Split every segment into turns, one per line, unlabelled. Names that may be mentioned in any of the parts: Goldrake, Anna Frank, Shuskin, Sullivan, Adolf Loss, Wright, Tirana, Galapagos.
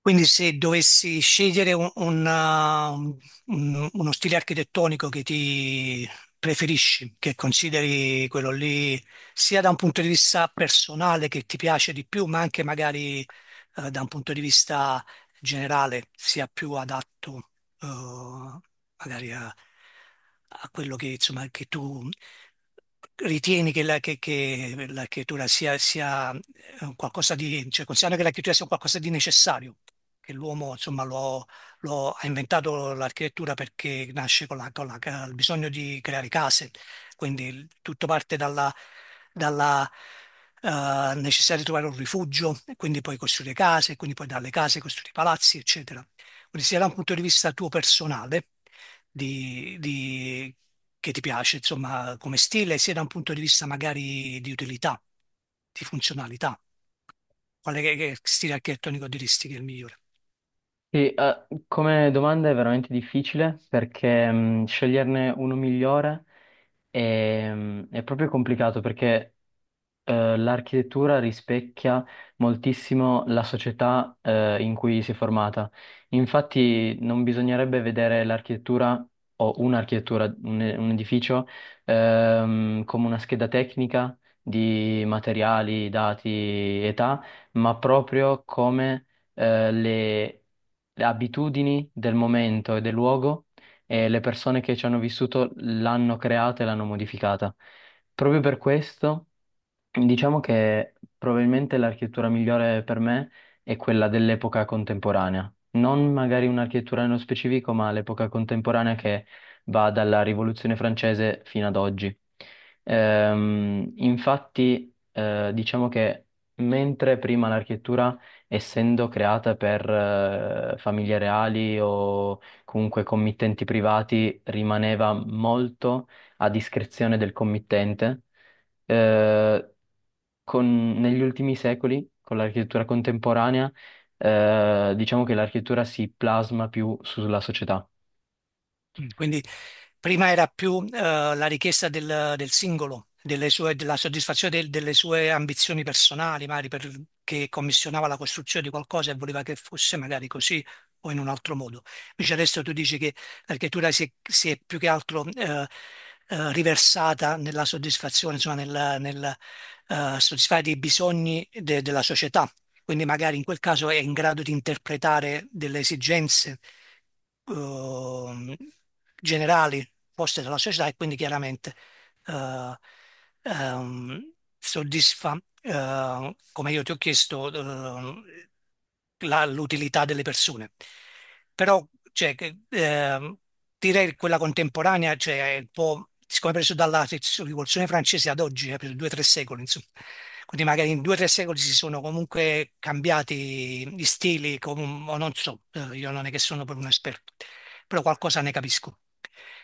Quindi se dovessi scegliere uno stile architettonico che ti preferisci, che consideri quello lì sia da un punto di vista personale che ti piace di più, ma anche magari da un punto di vista generale sia più adatto eh, magari a quello che, insomma, che tu ritieni che che la creatura sia un qualcosa di, cioè considerando che la creatura sia un qualcosa di necessario, che l'uomo insomma ha inventato l'architettura perché nasce con il bisogno di creare case, quindi tutto parte dalla necessità di trovare un rifugio, e quindi poi costruire case, e quindi poi dalle case costruire palazzi, eccetera. Quindi sia da un punto di vista tuo personale, di, di- che ti piace, insomma, come stile, sia da un punto di vista magari di utilità, di funzionalità. Che stile architettonico diresti che è il migliore?
Sì, come domanda è veramente difficile perché sceglierne uno migliore è, è proprio complicato perché l'architettura rispecchia moltissimo la società, in cui si è formata. Infatti, non bisognerebbe vedere l'architettura o un'architettura, un edificio, come una scheda tecnica di materiali, dati, età, ma proprio come, eh, le, le abitudini del momento e del luogo. E le persone che ci hanno vissuto l'hanno creata e l'hanno modificata. Proprio per questo. Diciamo che probabilmente l'architettura migliore per me è quella dell'epoca contemporanea, non magari un'architettura nello specifico, ma l'epoca contemporanea che va dalla Rivoluzione francese fino ad oggi. Diciamo che mentre prima l'architettura, essendo creata per famiglie reali o comunque committenti privati, rimaneva molto a discrezione del committente. Eh, Negli ultimi secoli, con l'architettura contemporanea, diciamo che l'architettura si plasma più sulla società.
Mm, quindi prima era più la richiesta del singolo, della soddisfazione delle sue ambizioni personali, magari perché commissionava la costruzione di qualcosa e voleva che fosse magari così o in un altro modo. Invece adesso tu dici che l'architettura si è più che altro riversata nella soddisfazione, insomma, soddisfare dei bisogni della società, quindi magari in quel caso è in grado di interpretare delle esigenze ehm, generali poste dalla società, e quindi chiaramente eh, ehm, soddisfa, come io ti ho chiesto, l'utilità delle persone. Però cioè, direi che quella contemporanea, cioè, è un po', siccome è preso dalla rivoluzione francese ad oggi, è preso due o tre secoli, insomma. Quindi magari in due o tre secoli si sono comunque cambiati gli stili, o non so, io non è che sono proprio un esperto, però qualcosa ne capisco.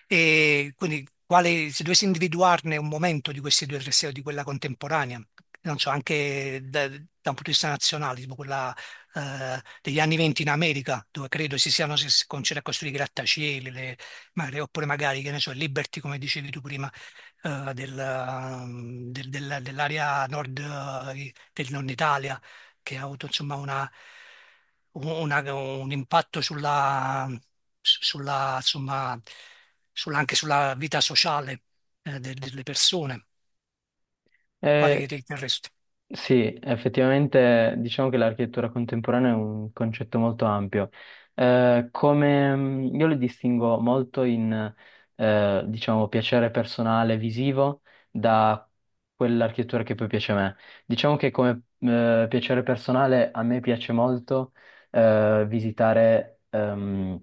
E quindi quale, se dovessi individuarne un momento di questi due tre o di quella contemporanea, non so, anche da un punto di vista nazionale, tipo quella degli anni 20 in America, dove credo si siano si si cominciati a costruire i grattacieli, oppure magari, che ne so, il Liberty, come dicevi tu prima, dell'area nord, del nord Italia che ha avuto insomma un impatto insomma, anche sulla vita sociale delle persone. Quale che
Eh,
riterresti?
sì, effettivamente diciamo che l'architettura contemporanea è un concetto molto ampio. Come Io le distingo molto in, diciamo, piacere personale visivo da quell'architettura che poi piace a me. Diciamo che come piacere personale a me piace molto visitare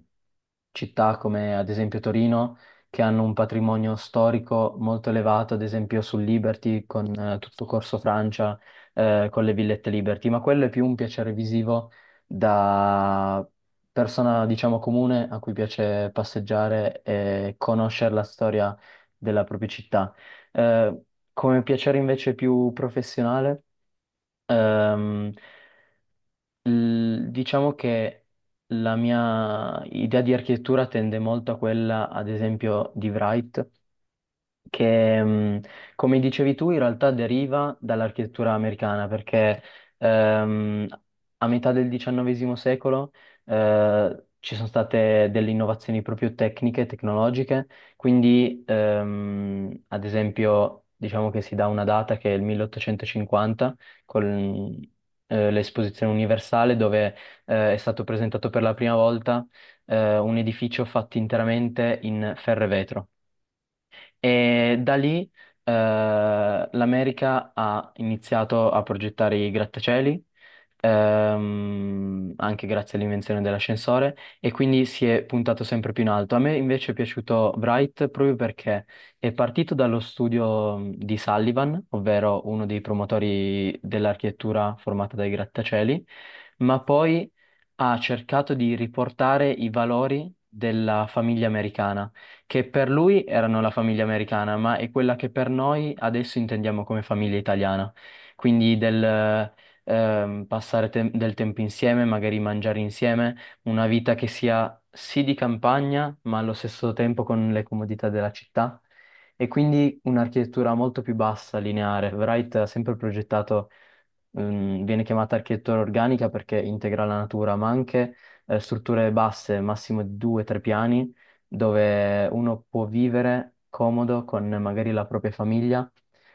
città come ad esempio Torino, che hanno un patrimonio storico molto elevato, ad esempio sul Liberty, con tutto Corso Francia, con le villette Liberty, ma quello è più un piacere visivo da persona, diciamo, comune a cui piace passeggiare e conoscere la storia della propria città. Eh, Come piacere invece più professionale, ehm, diciamo che la mia idea di architettura tende molto a quella, ad esempio, di Wright, che, come dicevi tu, in realtà deriva dall'architettura americana, perché ehm, a metà del XIX secolo ci sono state delle innovazioni proprio tecniche, tecnologiche, quindi ad esempio diciamo che si dà una data che è il 1850 con l'esposizione universale dove è stato presentato per la prima volta un edificio fatto interamente in ferro e vetro. E da lì eh, l'America ha iniziato a progettare i grattacieli, anche grazie all'invenzione dell'ascensore, e quindi si è puntato sempre più in alto. A me invece è piaciuto Bright proprio perché è partito dallo studio di Sullivan, ovvero uno dei promotori dell'architettura formata dai grattacieli, ma poi ha cercato di riportare i valori della famiglia americana che per lui erano la famiglia americana, ma è quella che per noi adesso intendiamo come famiglia italiana. Quindi del del tempo insieme, magari mangiare insieme, una vita che sia sì di campagna, ma allo stesso tempo con le comodità della città. E quindi un'architettura molto più bassa, lineare. Wright ha sempre progettato, viene chiamata architettura organica perché integra la natura, ma anche strutture basse, massimo di due o tre piani dove uno può vivere comodo con magari la propria famiglia,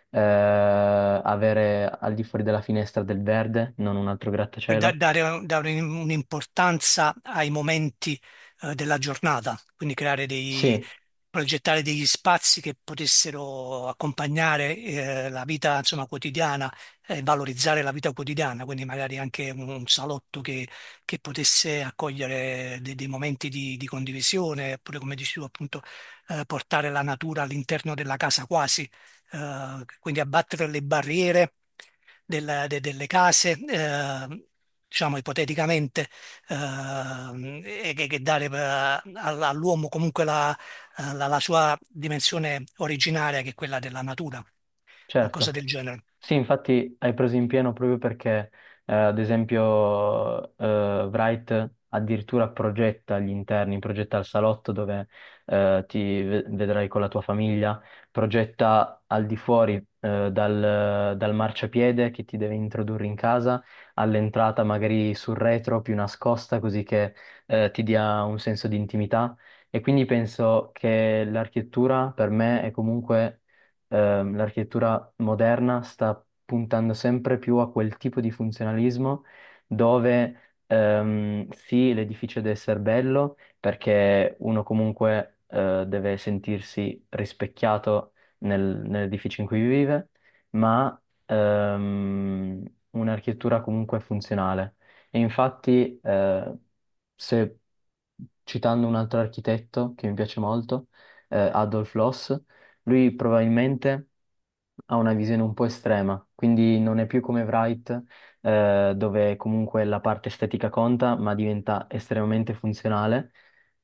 avere al di fuori della finestra del verde, non un altro
Per
grattacielo.
dare, dare un'importanza ai momenti della giornata, quindi creare
Sì,
progettare degli spazi che potessero accompagnare la vita, insomma, quotidiana e valorizzare la vita quotidiana, quindi magari anche un salotto che potesse accogliere momenti di condivisione, oppure come dici tu appunto portare la natura all'interno della casa quasi, quindi abbattere le barriere delle case, diciamo ipoteticamente, che dare all'uomo comunque la sua dimensione originaria, che è quella della natura, qualcosa
certo.
del genere.
Sì, infatti hai preso in pieno proprio perché, ad esempio, Wright addirittura progetta gli interni, progetta il salotto dove vedrai con la tua famiglia, progetta al di fuori dal marciapiede che ti deve introdurre in casa, all'entrata magari sul retro più nascosta, così che ti dia un senso di intimità. E quindi penso che l'architettura per me è comunque l'architettura moderna sta puntando sempre più a quel tipo di funzionalismo dove sì, l'edificio deve essere bello perché uno comunque deve sentirsi rispecchiato nell'edificio in cui vive, ma ehm, un'architettura comunque funzionale. E infatti, se citando un altro architetto che mi piace molto, Adolf Loss, lui probabilmente ha una visione un po' estrema, quindi non è più come Wright, dove comunque la parte estetica conta, ma diventa estremamente funzionale,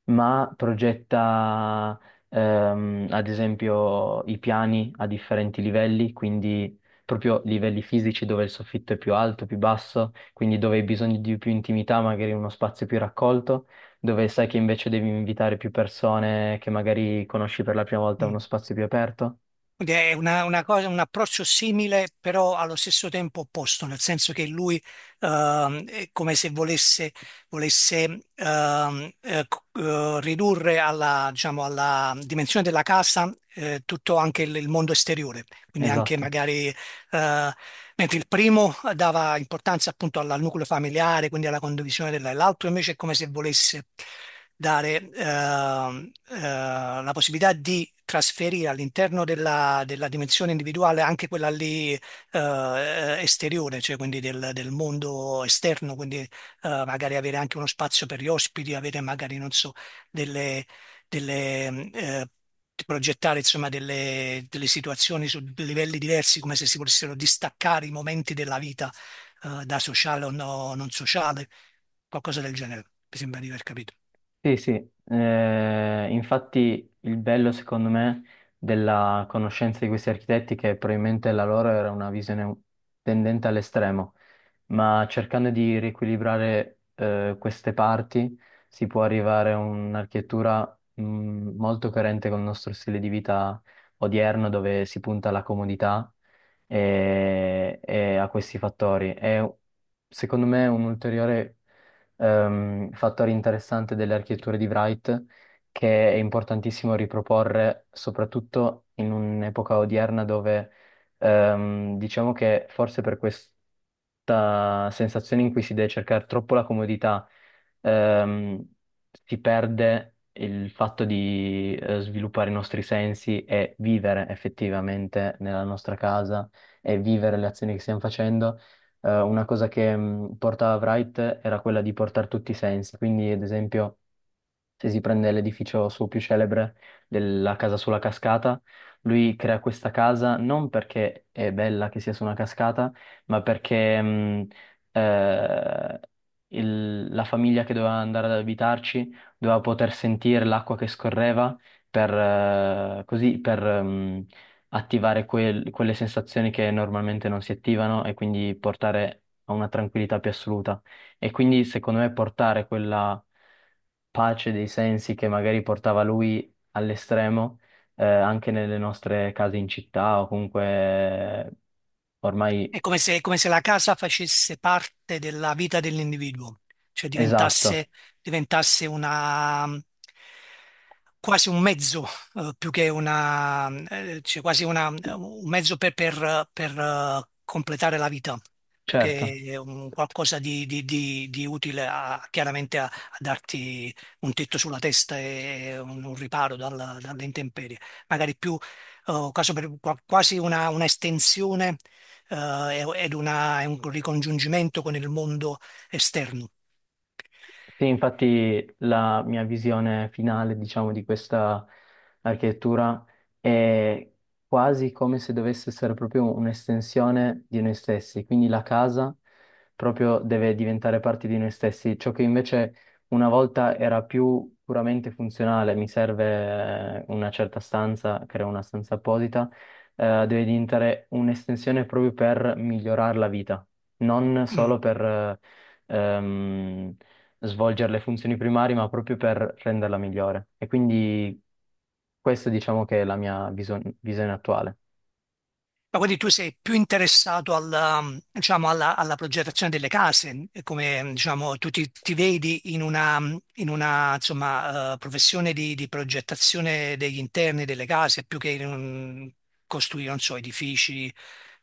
ma progetta, ad esempio, i piani a differenti livelli, quindi proprio livelli fisici dove il soffitto è più alto, più basso, quindi dove hai bisogno di più intimità, magari in uno spazio più raccolto dove sai che invece devi invitare più persone che magari conosci per la prima volta a
Mm.
uno spazio più aperto?
Quindi è una cosa, un approccio simile, però allo stesso tempo opposto, nel senso che lui è come se volesse, ridurre alla, diciamo, alla dimensione della casa tutto anche il mondo esteriore, quindi anche
Esatto.
magari eh, mentre il primo dava importanza appunto al nucleo familiare, quindi alla condivisione della, l'altro invece è come se volesse dare la possibilità di trasferire all'interno della dimensione individuale anche quella lì esteriore, cioè quindi del mondo esterno, quindi magari avere anche uno spazio per gli ospiti, avere magari, non so, delle delle, mm, eh, di progettare insomma delle situazioni su livelli diversi, come se si volessero distaccare i momenti della vita, eh, da sociale o non sociale, qualcosa del genere, mi sembra di aver capito.
Sì, sì. Infatti il bello secondo me della conoscenza di questi architetti è che probabilmente la loro era una visione tendente all'estremo, ma cercando di riequilibrare queste parti si può arrivare a un'architettura molto coerente con il nostro stile di vita odierno, dove si punta alla comodità e a questi fattori. È secondo me un ulteriore fattore interessante delle architetture di Wright che è importantissimo riproporre, soprattutto in un'epoca odierna dove diciamo che forse per questa sensazione in cui si deve cercare troppo la comodità, ehm, si perde il fatto di sviluppare i nostri sensi e vivere effettivamente nella nostra casa e vivere le azioni che stiamo facendo. Una cosa che portava Wright era quella di portare tutti i sensi, quindi ad esempio se si prende l'edificio suo più celebre della casa sulla cascata, lui crea questa casa non perché è bella che sia su una cascata, ma perché eh, la famiglia che doveva andare ad abitarci doveva poter sentire l'acqua che scorreva per, così, per attivare quelle sensazioni che normalmente non si attivano e quindi portare a una tranquillità più assoluta. E quindi secondo me portare quella pace dei sensi che magari portava lui all'estremo, anche nelle nostre case in città o comunque eh, ormai
È come se la casa facesse parte della vita dell'individuo, cioè
esatto,
diventasse, diventasse una, quasi un mezzo, più che una, cioè un mezzo completare la vita, più
certo.
che un qualcosa di utile chiaramente a darti un tetto sulla testa e un riparo dalle intemperie, magari più eh, quasi per- quasi una estensione è un ricongiungimento con il mondo esterno.
Sì, infatti la mia visione finale, diciamo, di questa architettura è quasi come se dovesse essere proprio un'estensione di noi stessi, quindi la casa proprio deve diventare parte di noi stessi, ciò che invece una volta era più puramente funzionale, mi serve una certa stanza, creo una stanza apposita, deve diventare un'estensione proprio per migliorare la vita, non
Mm.
solo per... eh, ehm, svolgere le funzioni primarie, ma proprio per renderla migliore. E quindi questa diciamo che è la mia visione attuale.
Ma quindi tu sei più interessato diciamo, alla progettazione delle case, e come diciamo, ti vedi in una, insomma, professione di progettazione degli interni delle case più che in costruire, non so, edifici,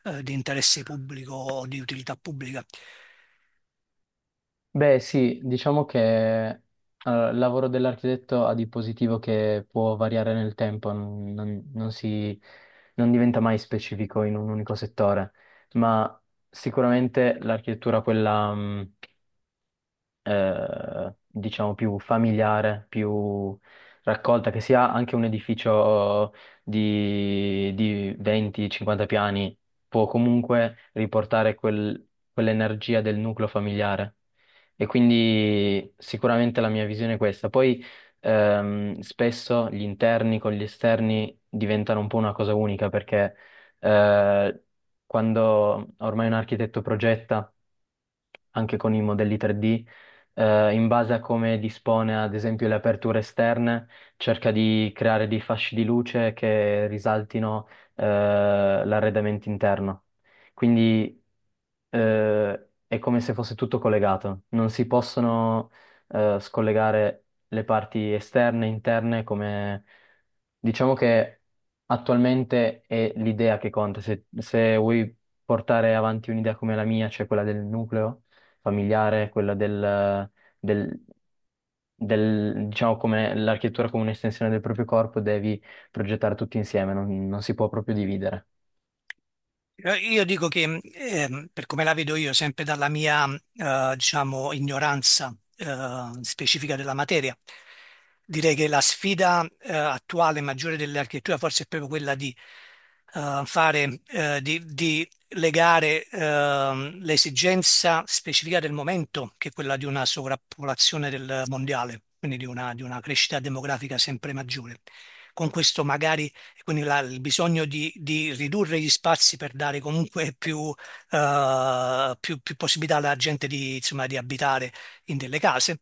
di interesse pubblico o di utilità pubblica.
Beh, sì, diciamo che il lavoro dell'architetto ha di positivo che può variare nel tempo, non si, non diventa mai specifico in un unico settore, ma sicuramente l'architettura, quella... diciamo più familiare, più raccolta, che sia anche un edificio di 20-50 piani, può comunque riportare quell'energia del nucleo familiare. E quindi sicuramente la mia visione è questa. Poi spesso gli interni con gli esterni diventano un po' una cosa unica perché eh, quando ormai un architetto progetta anche con i modelli 3D, in base a come dispone ad esempio le aperture esterne, cerca di creare dei fasci di luce che risaltino l'arredamento interno. Quindi è come se fosse tutto collegato, non si possono scollegare le parti esterne, interne, come diciamo che attualmente è l'idea che conta. Se, se vuoi portare avanti un'idea come la mia, cioè quella del nucleo familiare, quella del- diciamo come l'architettura come un'estensione del proprio corpo, devi progettare tutti insieme, non si può proprio dividere.
Io dico che, per come la vedo io, sempre dalla mia, diciamo, ignoranza, specifica della materia, direi che la sfida, attuale maggiore dell'architettura forse è proprio quella di fare, di legare l'esigenza specifica del momento, che è quella di una sovrappopolazione del mondiale, quindi di una crescita demografica sempre maggiore. Con questo magari, quindi il bisogno di ridurre gli spazi per dare comunque più, più possibilità alla gente insomma, di abitare in delle case,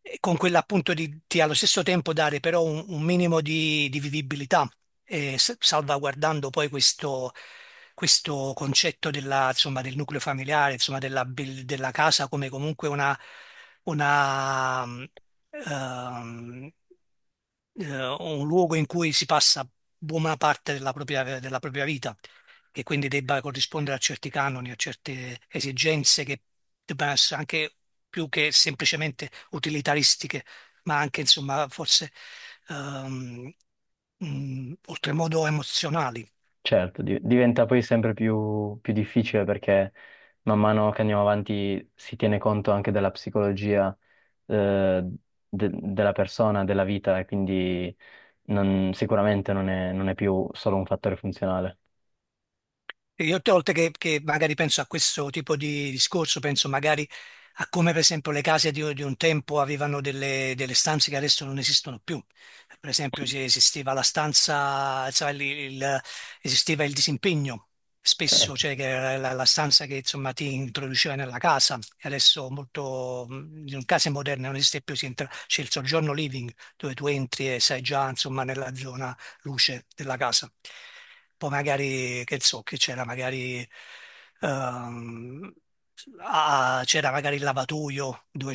e con quella appunto di allo stesso tempo dare però un minimo di vivibilità, salvaguardando poi questo concetto della, insomma, del nucleo familiare, insomma, della casa come comunque una, mm, ehm, un luogo in cui si passa buona parte della propria vita, che quindi debba corrispondere a certi canoni, a certe esigenze che debbano essere anche più che semplicemente utilitaristiche, ma anche insomma forse ehm, oltremodo emozionali.
Certo, diventa poi sempre più, più difficile perché man mano che andiamo avanti si tiene conto anche della psicologia eh, della persona, della vita e quindi sicuramente non è, non è più solo un fattore funzionale.
E io tutte le volte che magari penso a questo tipo di discorso, penso magari a come per esempio le case di un tempo avevano delle stanze che adesso non esistono più. Per esempio se esisteva la stanza, sai, il- esisteva il disimpegno spesso,
Certo.
cioè che era la stanza che insomma ti introduceva nella casa. E adesso molto, in case moderne non esiste più, c'è il soggiorno living dove tu entri e sei già insomma nella zona luce della casa. Poi magari, che so, che c'era magari, ehm, c'era magari il lavatoio dove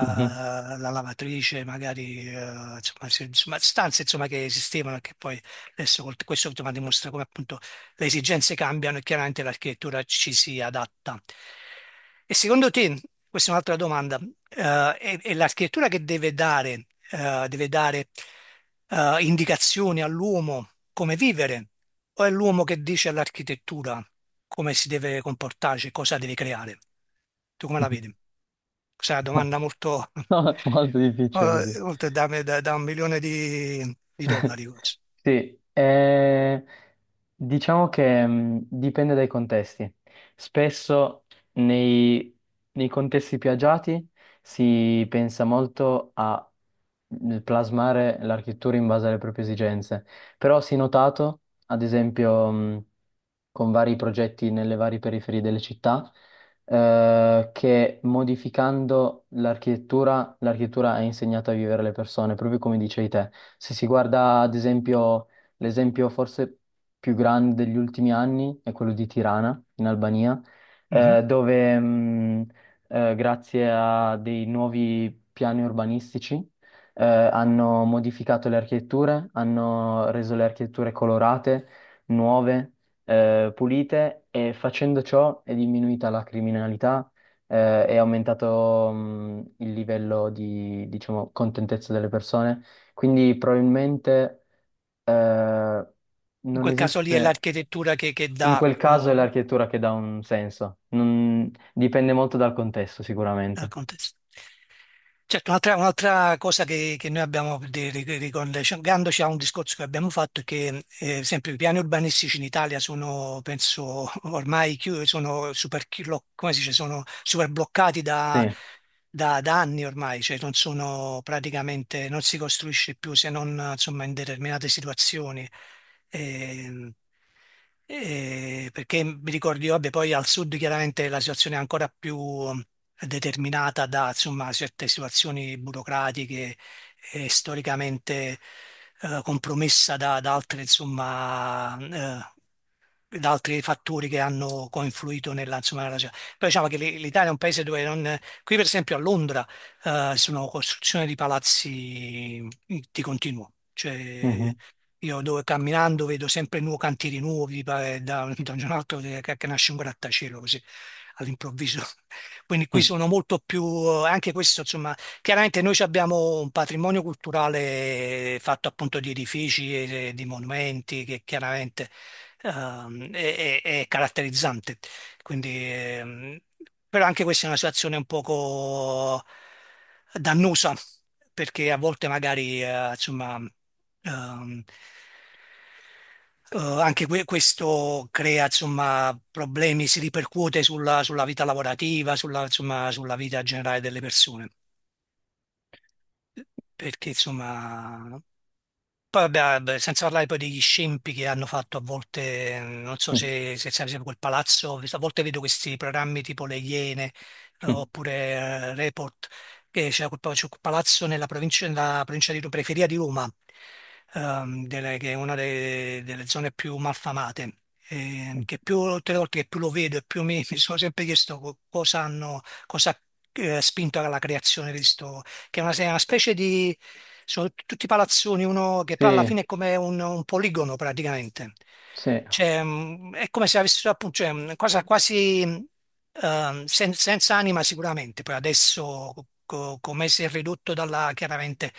Mhm.
la lavatrice, magari, insomma, insomma, stanze insomma, che esistevano e che poi adesso questo insomma, dimostra come appunto le esigenze cambiano e chiaramente l'architettura ci si adatta. E secondo te, questa è un'altra domanda, è l'architettura che deve dare, indicazioni all'uomo come vivere, o è l'uomo che dice all'architettura come si deve comportarsi, cosa deve creare? Tu come la vedi? Questa è una domanda molto,
No, è molto difficile così.
oltre da 1 milione di dollari. Quasi.
Sì, diciamo che dipende dai contesti. Spesso nei, nei contesti più agiati si pensa molto a plasmare l'architettura in base alle proprie esigenze, però si è notato, ad esempio, con vari progetti nelle varie periferie delle città, che modificando l'architettura, l'architettura ha insegnato a vivere le persone, proprio come dicevi te. Se si guarda, ad esempio, l'esempio forse più grande degli ultimi anni è quello di Tirana, in Albania,
Mhm.
dove, grazie a dei nuovi piani urbanistici, hanno modificato le architetture, hanno reso le architetture colorate, nuove pulite e facendo ciò è diminuita la criminalità, è aumentato, il livello di, diciamo, contentezza delle persone. Quindi probabilmente, eh,
In
non
quel caso lì è
esiste,
l'architettura che
in
dà
quel caso è
un,
l'architettura che dà un senso. Dipende molto dal contesto
al
sicuramente.
contesto. Certo, un'altra cosa che noi abbiamo, per dire, ricollegandoci a un discorso che abbiamo fatto, è che sempre i piani urbanistici in Italia sono, penso, ormai sono super, come si dice, sono super bloccati da,
Sì.
da anni ormai, cioè non sono praticamente, non si costruisce più se non insomma, in determinate situazioni. Ehm, Eh, perché mi ricordo io, vabbè, poi al sud chiaramente la situazione è ancora più mm, determinata da insomma, certe situazioni burocratiche e storicamente compromessa da, da altre insomma, eh, da altri fattori che hanno coinfluito nella, insomma, nella ragione. Però diciamo che l'Italia è un paese dove non... Qui per esempio a Londra sono costruzioni di palazzi mm, di continuo, cioè
Mhm.
io dove camminando vedo sempre nuovi cantieri nuovi, da un giorno all'altro che nasce un grattacielo così all'improvviso. Quindi qui
Mm,
sono molto più, anche questo insomma, chiaramente noi ci abbiamo un patrimonio culturale fatto appunto di edifici e di monumenti che chiaramente è caratterizzante. Quindi, però anche questa è una situazione un poco dannosa, perché a volte magari, insomma, ehm, questo crea, insomma, problemi, si ripercuote sulla, sulla vita lavorativa, sulla, insomma, sulla vita generale delle persone. Perché, insomma, poi vabbè, ah, beh, senza parlare poi degli scempi che hanno fatto a volte, non so
mm,
se sai, per esempio, quel palazzo, a volte vedo questi programmi tipo Le Iene
mm.
oppure Report, che c'è c'è quel palazzo nella provincia di Roma, periferia di Roma, che è una delle zone più malfamate, che più tutte le volte che più lo vedo e più mi, mi sono sempre chiesto cosa hanno, cosa ha spinto alla creazione, che è una specie di... sono tutti palazzoni, uno che poi alla
Sì,
fine è come un poligono praticamente.
sì,
Cioè, è come se avessero appunto, cioè, una cosa quasi senza anima sicuramente, poi adesso come si è ridotto dalla, chiaramente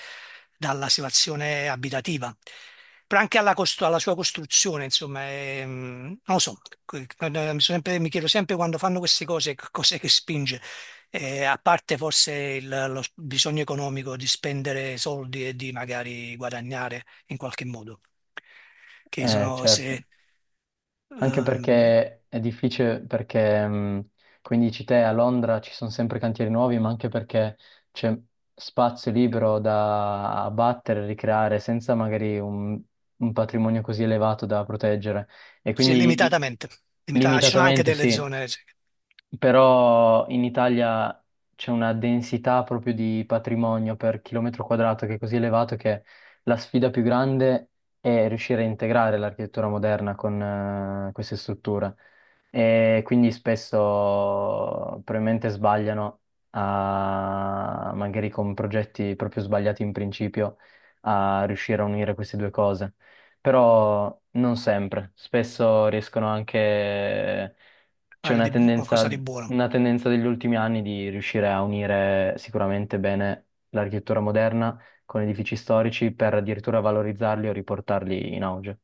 dalla situazione abitativa. Però anche alla, alla sua costruzione, insomma, è, non lo so, mi chiedo sempre quando fanno queste cose che cos'è che spinge. E a parte forse bisogno economico di spendere soldi e di magari guadagnare in qualche modo, che sono
certo.
se,
Anche
ehm,
perché è difficile, perché come dici te, a Londra ci sono sempre cantieri nuovi, ma anche perché c'è spazio libero da abbattere, ricreare, senza magari un patrimonio così elevato da proteggere. E
se
quindi
limitatamente, ci sono anche
limitatamente
delle
sì,
zone, sì,
però in Italia c'è una densità proprio di patrimonio per chilometro quadrato che è così elevato che la sfida più grande è riuscire a integrare l'architettura moderna con queste strutture. E quindi spesso probabilmente sbagliano a, magari con progetti proprio sbagliati in principio a riuscire a unire queste due cose. Però non sempre, spesso riescono anche c'è
magari qualcosa di buono.
una tendenza degli ultimi anni di riuscire a unire sicuramente bene l'architettura moderna con edifici storici per addirittura valorizzarli o riportarli in auge.